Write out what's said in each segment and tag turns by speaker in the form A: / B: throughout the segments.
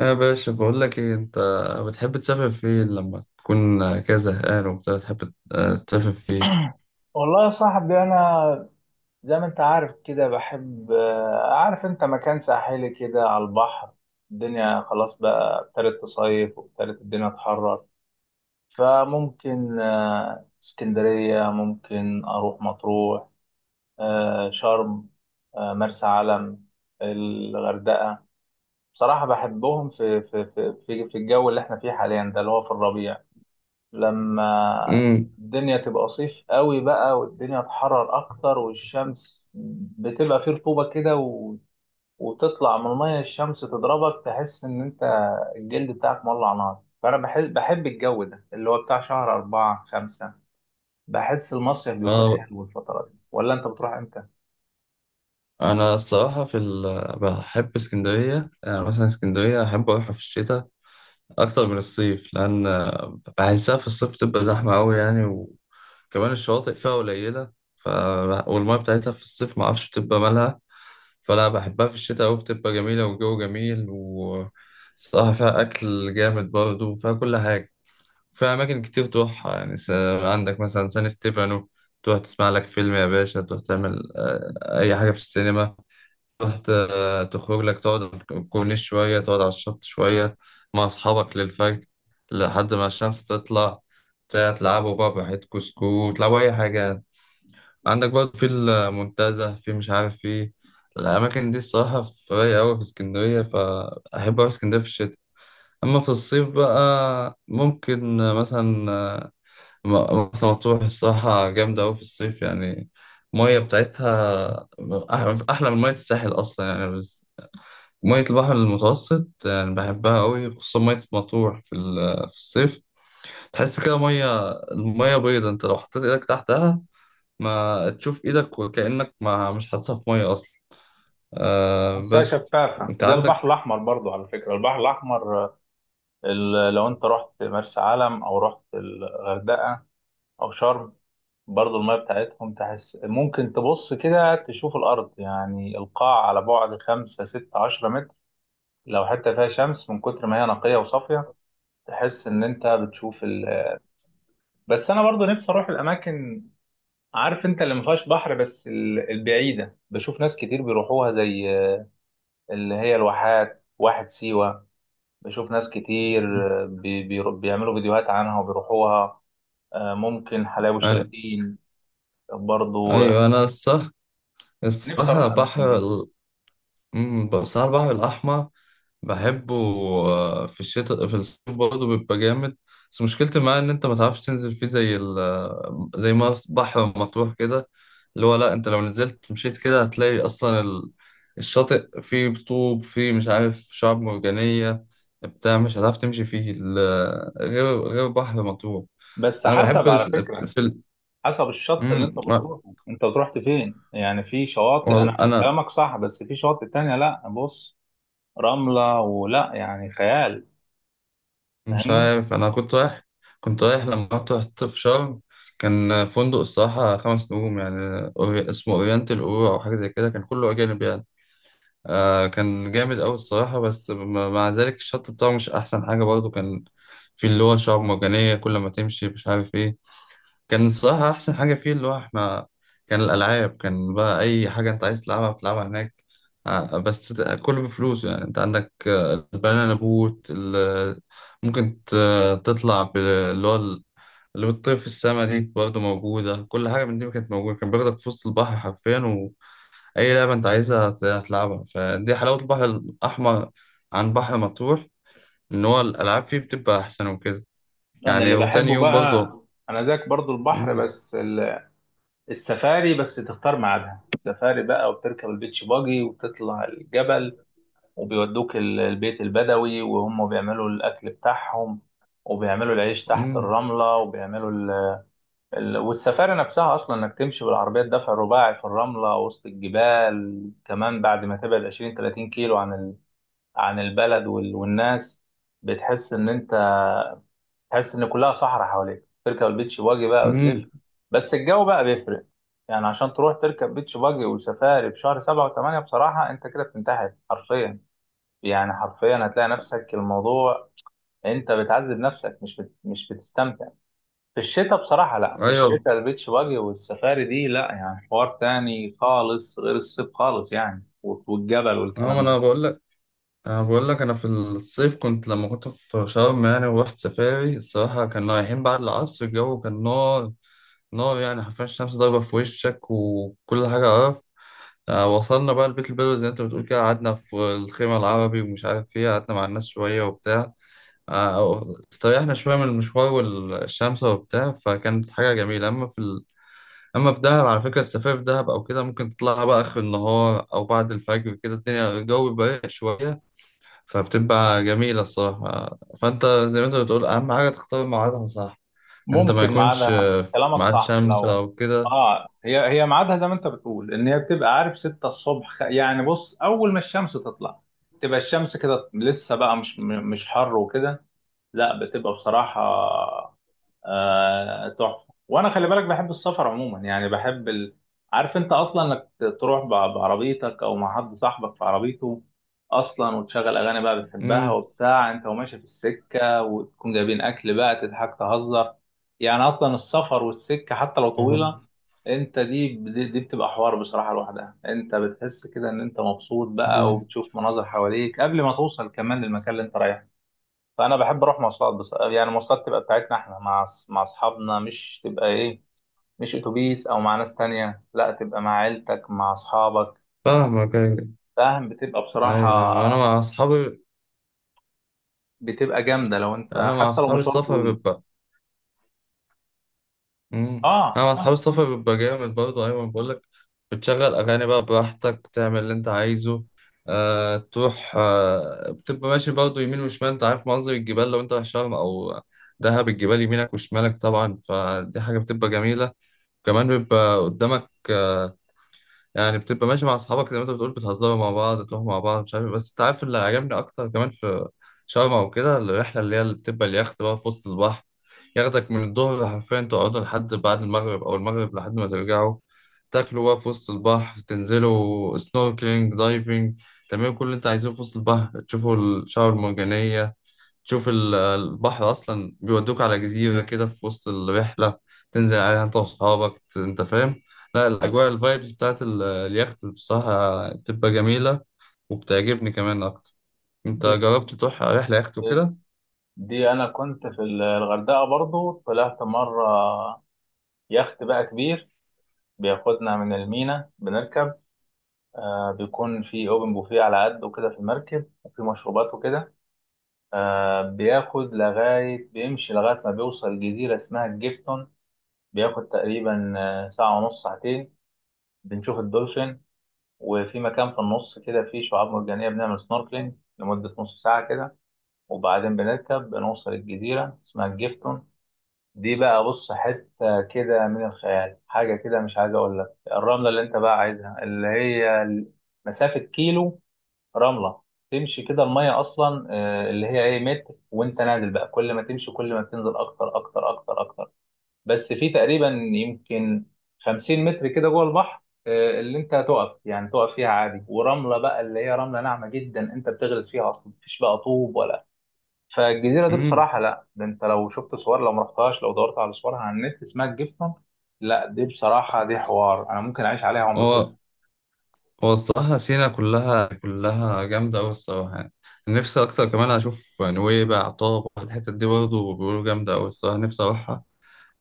A: يا باشا، بقول لك ايه انت بتحب تسافر فين لما تكون كده زهقان وبتاع، بتحب تسافر فين؟
B: والله يا صاحبي، انا زي ما انت عارف كده بحب، عارف انت مكان ساحلي كده على البحر. الدنيا خلاص بقى ابتدت تصيف وابتدت الدنيا تحرر. فممكن اسكندرية، ممكن اروح مطروح، شرم، مرسى علم، الغردقة. بصراحة بحبهم في الجو اللي احنا فيه حاليا ده، اللي هو في الربيع. لما
A: امم.
B: الدنيا تبقى صيف قوي بقى والدنيا تحرر اكتر والشمس بتبقى فيه رطوبة كده وتطلع من المية الشمس تضربك، تحس ان انت الجلد بتاعك مولع نار. فانا بحس بحب الجو ده اللي هو بتاع شهر أربعة خمسة. بحس المصيف بيكون
A: اه.
B: حلو الفترة دي، ولا انت بتروح امتى؟
A: انا الصراحه، بحب اسكندريه. يعني مثلا اسكندريه احب اروحها في الشتاء اكتر من الصيف، لان بحسها في الصيف تبقى زحمه قوي يعني. وكمان الشواطئ فيها قليله. ف... والميه بتاعتها في الصيف ما اعرفش بتبقى مالها. فلا، بحبها في الشتاء أوي، بتبقى جميلة والجو جميل، وصراحة فيها أكل جامد برضه وفيها كل حاجة. فيها أماكن كتير تروحها يعني. عندك مثلا سان ستيفانو، تروح تسمع لك فيلم يا باشا، تروح تعمل أي حاجة في السينما. تروح تخرج لك، تقعد على الكورنيش شوية، تقعد على الشط شوية مع أصحابك للفجر لحد ما الشمس تطلع، تلعبوا بقى براحتكوا سكوت، تلعبوا أي حاجة. عندك برضه في المنتزه، مش عارف، في الأماكن دي الصراحة في رايقة أوي في اسكندرية، فأحب أروح اسكندرية في الشتاء. أما في الصيف بقى ممكن مثلا مرسى مطروح الصراحة جامدة أوي في الصيف يعني. المية بتاعتها أحلى من مية الساحل أصلا يعني، بس مية البحر المتوسط يعني بحبها أوي، خصوصا مية مطروح في الصيف. تحس كده المية بيضة، أنت لو حطيت إيدك تحتها ما تشوف ايدك، وكأنك ما مش حاططها في ميه اصلا. آه
B: بحسها
A: بس،
B: شفافة
A: انت
B: زي
A: عندك.
B: البحر الأحمر برضو. على فكرة البحر الأحمر، لو انت رحت مرسى علم او رحت الغردقة او شرم، برضو المية بتاعتهم تحس ممكن تبص كده تشوف الأرض، يعني القاع على بعد خمسة ستة عشرة متر لو حتى فيها شمس، من كتر ما هي نقية وصافية. تحس إن أنت بتشوف بس أنا برضو نفسي أروح الأماكن، عارف أنت، اللي ما فيهاش بحر، بس البعيدة. بشوف ناس كتير بيروحوها، زي اللي هي الواحات، واحد سيوة. بشوف ناس كتير
A: مم.
B: بيعملوا فيديوهات عنها وبيروحوها. ممكن حلاوي،
A: آه،
B: شلاتين. برضو
A: ايوه انا الصح
B: نفسي
A: الصح
B: أروح الأماكن
A: البحر
B: دي.
A: الصح، البحر الاحمر، بحبه في الشتاء، في الصيف برضه بيبقى جامد. بس مشكلتي معاه ان انت ما تعرفش تنزل فيه، زي ال آه، زي ما بحر مطروح كده، اللي هو لا، انت لو نزلت مشيت كده هتلاقي اصلا الشاطئ فيه طوب، فيه مش عارف شعاب مرجانية بتاع مش هتعرف تمشي فيه غير بحر مطروح.
B: بس
A: انا بحب
B: حسب على فكرة،
A: في ال...
B: حسب الشط اللي
A: مم،
B: انت
A: آه،
B: بتروحه. انت رحت فين؟ يعني في شواطئ، انا
A: والله انا
B: كلامك صح، بس في شواطئ تانية، لا بص، رملة ولا يعني خيال،
A: مش
B: فاهمني.
A: عارف. انا كنت رايح لما رحت في شرم، كان فندق الصراحة 5 نجوم يعني، اسمه اورينتال اورو او حاجة زي كده، كان كله اجانب يعني. آه كان جامد اوي الصراحة، بس مع ذلك الشط بتاعه مش احسن حاجة برضه، كان في اللي هو شعاب مرجانية كل ما تمشي مش عارف إيه. كان الصراحة أحسن حاجة فيه اللي هو إحنا، كان الألعاب، كان بقى أي حاجة أنت عايز تلعبها بتلعبها هناك. بس كله بفلوس يعني، أنت عندك البنانا بوت ممكن تطلع اللي هو ال- اللي بتطير في السما دي برضه موجودة، كل حاجة من دي كانت موجودة، كان بياخدك في وسط البحر حرفيا، وأي لعبة أنت عايزها هتلعبها. فدي حلاوة البحر الأحمر عن بحر مطروح، إن هو الألعاب فيه بتبقى أحسن وكده،
B: انا
A: يعني.
B: اللي
A: وتاني
B: بحبه
A: يوم
B: بقى،
A: برضه.
B: انا زيك برضو البحر،
A: مم.
B: بس السفاري. بس تختار ميعادها، السفاري بقى وبتركب البيتش باجي وبتطلع الجبل، وبيودوك البيت البدوي وهم بيعملوا الاكل بتاعهم، وبيعملوا العيش تحت
A: مم.
B: الرملة، وبيعملوا والسفاري نفسها اصلا، انك تمشي بالعربيه الدفع الرباعي في الرمله وسط الجبال، كمان بعد ما تبعد 20 30 كيلو عن عن البلد والناس. بتحس ان انت، تحس ان كلها صحراء حواليك. تركب البيتش باجي بقى وتلف.
A: مم.
B: بس الجو بقى بيفرق، يعني عشان تروح تركب بيتش باجي وسفاري في شهر سبعة وثمانية، بصراحة انت كده بتنتحر حرفيا. يعني حرفيا هتلاقي نفسك، الموضوع انت بتعذب نفسك، مش مش بتستمتع. في الشتاء بصراحة لا، في
A: ايوه.
B: الشتاء البيتش باجي والسفاري دي لا، يعني حوار تاني خالص غير الصيف خالص، يعني والجبل
A: اه ما
B: والكلام
A: انا
B: ده.
A: بقول لك، انا في الصيف كنت لما كنت في شرم يعني، ورحت سفاري الصراحه، كنا رايحين بعد العصر الجو كان نار. نار، يعني حرفيا الشمس ضاربه في وشك وكل حاجه قرف. وصلنا بقى البيت البدوي زي ما انت بتقول كده، قعدنا في الخيمه العربي ومش عارف ايه، قعدنا مع الناس شويه وبتاع، آه، استريحنا شويه من المشوار والشمس وبتاع، فكانت حاجه جميله. اما في دهب على فكره، السفاري في دهب او كده ممكن تطلعها بقى اخر النهار او بعد الفجر كده، الدنيا الجو بيبقى رايق شويه، فبتبقى جميله الصراحه. فانت زي ما انت بتقول اهم حاجه تختار ميعادها، صح، انت ما
B: ممكن
A: يكونش
B: ميعادها
A: في
B: كلامك
A: ميعاد
B: صح
A: شمس
B: لو.
A: او كده.
B: اه، هي هي ميعادها زي ما انت بتقول، ان هي بتبقى عارف 6 الصبح، يعني بص اول ما الشمس تطلع تبقى الشمس كده لسه بقى مش مش حر وكده. لا، بتبقى بصراحة تحفة. وانا خلي بالك بحب السفر عموما، يعني بحب عارف انت اصلا، انك تروح بعربيتك او مع حد صاحبك في عربيته اصلا، وتشغل اغاني بقى بتحبها
A: امم
B: وبتاع، انت وماشي في السكة، وتكون جايبين اكل بقى، تضحك تهزر. يعني اصلا السفر والسكة حتى لو طويلة، انت دي بتبقى حوار بصراحة لوحدها. انت بتحس كده ان انت مبسوط بقى،
A: بز-
B: وبتشوف مناظر حواليك قبل ما توصل كمان للمكان اللي انت رايحه. فانا بحب اروح مواصلات، بس يعني مواصلات تبقى بتاعتنا احنا، مع مع اصحابنا، مش تبقى ايه، مش اتوبيس او مع ناس تانية، لا تبقى مع عيلتك مع اصحابك.
A: فاهمك، ايوه.
B: فاهم، بتبقى
A: ايوه،
B: بصراحة، بتبقى جامدة، لو انت
A: انا مع
B: حتى لو
A: اصحابي
B: مشوار
A: السفر
B: طويل.
A: بيبقى. امم انا
B: اه،
A: مع اصحاب
B: آه.
A: السفر بيبقى جامد برضه، ايوه بقول لك، بتشغل اغاني بقى براحتك، تعمل اللي انت عايزه. تروح، بتبقى ماشي برضه يمين وشمال، انت عارف منظر الجبال لو انت رايح شرم او دهب، الجبال يمينك وشمالك طبعا، فدي حاجه بتبقى جميله. كمان بيبقى قدامك يعني بتبقى ماشي مع اصحابك زي ما انت بتقول، بتهزروا مع بعض تروحوا مع بعض مش عارف إيه. بس انت عارف، اللي عجبني اكتر كمان في شرم او كده الرحله اللي هي اللي بتبقى اليخت بقى في وسط البحر، ياخدك من الظهر حرفيا، تقعدوا لحد بعد المغرب او المغرب لحد ما ترجعوا، تاكلوا بقى في وسط البحر، تنزلوا سنوركلينج دايفنج، تعملوا كل اللي انت عايزه في وسط البحر، تشوفوا الشعاب المرجانيه، تشوف البحر أصلا بيودوك على جزيرة كده في وسط الرحلة، تنزل عليها أنت وأصحابك، أنت فاهم. لا، الأجواء الفايبز بتاعت اليخت بصراحة بتبقى جميلة، وبتعجبني كمان أكتر. أنت
B: ب-
A: جربت تروح رحلة يخت
B: ب-
A: وكده؟
B: دي انا كنت في الغردقة برضو، طلعت مرة يخت بقى كبير، بياخدنا من المينا. بنركب، آه، بيكون في اوبن بوفيه على قد وكده في المركب، وفي مشروبات وكده. آه، بياخد لغاية، بيمشي لغاية ما بيوصل جزيرة اسمها الجيفتون. بياخد تقريبا ساعة ونص، ساعتين. بنشوف الدولفين، وفي مكان في النص كده فيه شعاب مرجانية، بنعمل سنوركلينج لمدة نص ساعة كده. وبعدين بنركب، بنوصل الجزيرة اسمها الجيفتون. دي بقى، بص، حتة كده من الخيال، حاجة كده مش عايز أقول لك. الرملة اللي أنت بقى عايزها، اللي هي مسافة كيلو، رملة تمشي كده، المية أصلا اللي هي إيه، متر، وأنت نازل بقى كل ما تمشي كل ما بتنزل أكتر أكتر أكتر أكتر. بس في تقريبا يمكن 50 متر كده جوه البحر، اللي أنت هتقف يعني، تقف فيها عادي. ورملة بقى اللي هي رملة ناعمة جدا، أنت بتغرز فيها أصلا، مفيش بقى طوب ولا. فالجزيرة دي
A: مم.
B: بصراحة لا، ده أنت لو شفت صور، لو مرحتهاش لو دورت على صورها على النت، اسمها الجيفتون. لا، دي بصراحة، دي حوار، أنا ممكن أعيش عليها عمري
A: هو
B: كله.
A: هو الصراحة سينا كلها كلها جامدة أوي الصراحة يعني. نفسي أكتر كمان أشوف نويبع، طابة، الحتت دي برضه بيقولوا جامدة أوي الصراحة، نفسي أروحها.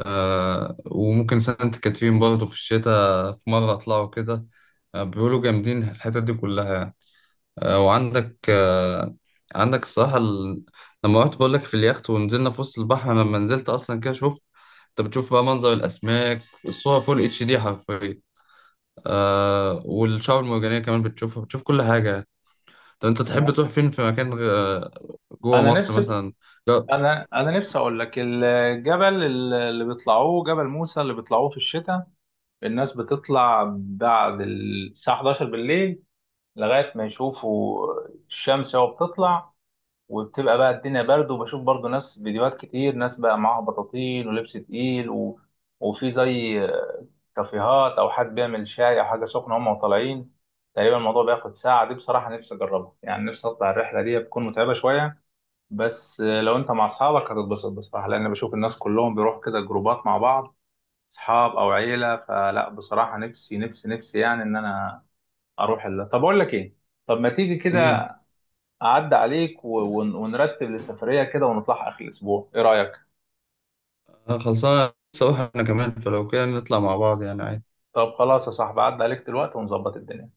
A: وممكن سانت كاترين برضه في الشتاء في مرة أطلعوا كده. بيقولوا جامدين الحتت دي كلها يعني. وعندك، عندك الصراحة لما رحت بقول لك في اليخت ونزلنا في وسط البحر، أنا لما نزلت أصلا كده شفت، أنت بتشوف بقى منظر الأسماك، الصور فول HD حرفيا. والشعاب المرجانية كمان بتشوفها، بتشوف كل حاجة يعني. طب أنت
B: انا
A: تحب تروح فين في مكان جوه
B: انا
A: مصر
B: نفسي
A: مثلا؟ لا.
B: انا نفسي اقول لك، الجبل اللي بيطلعوه، جبل موسى، اللي بيطلعوه في الشتاء. الناس بتطلع بعد الساعه 11 بالليل لغايه ما يشوفوا الشمس وهي بتطلع. وبتبقى بقى الدنيا برد، وبشوف برضو ناس فيديوهات كتير، ناس بقى معاها بطاطين ولبس تقيل وفي زي كافيهات، او حد بيعمل شاي او حاجه سخنه، هم طالعين تقريبا، الموضوع بياخد ساعه. دي بصراحه نفسي اجربها، يعني نفسي اطلع الرحله دي. بتكون متعبه شويه بس لو انت مع اصحابك هتتبسط بصراحه، لان بشوف الناس كلهم بيروحوا كده جروبات مع بعض، اصحاب او عيله. فلا بصراحه، نفسي يعني، ان انا اروح طب اقول لك ايه، طب ما تيجي
A: مم.
B: كده اعدي عليك ونرتب لسفريه كده ونطلع اخر الاسبوع، ايه رايك؟
A: آه، خلصانة لسه أروح أنا كمان، فلو كده نطلع مع بعض يعني، عادي.
B: طب خلاص يا صاحبي، اعدي عليك دلوقتي ونظبط الدنيا.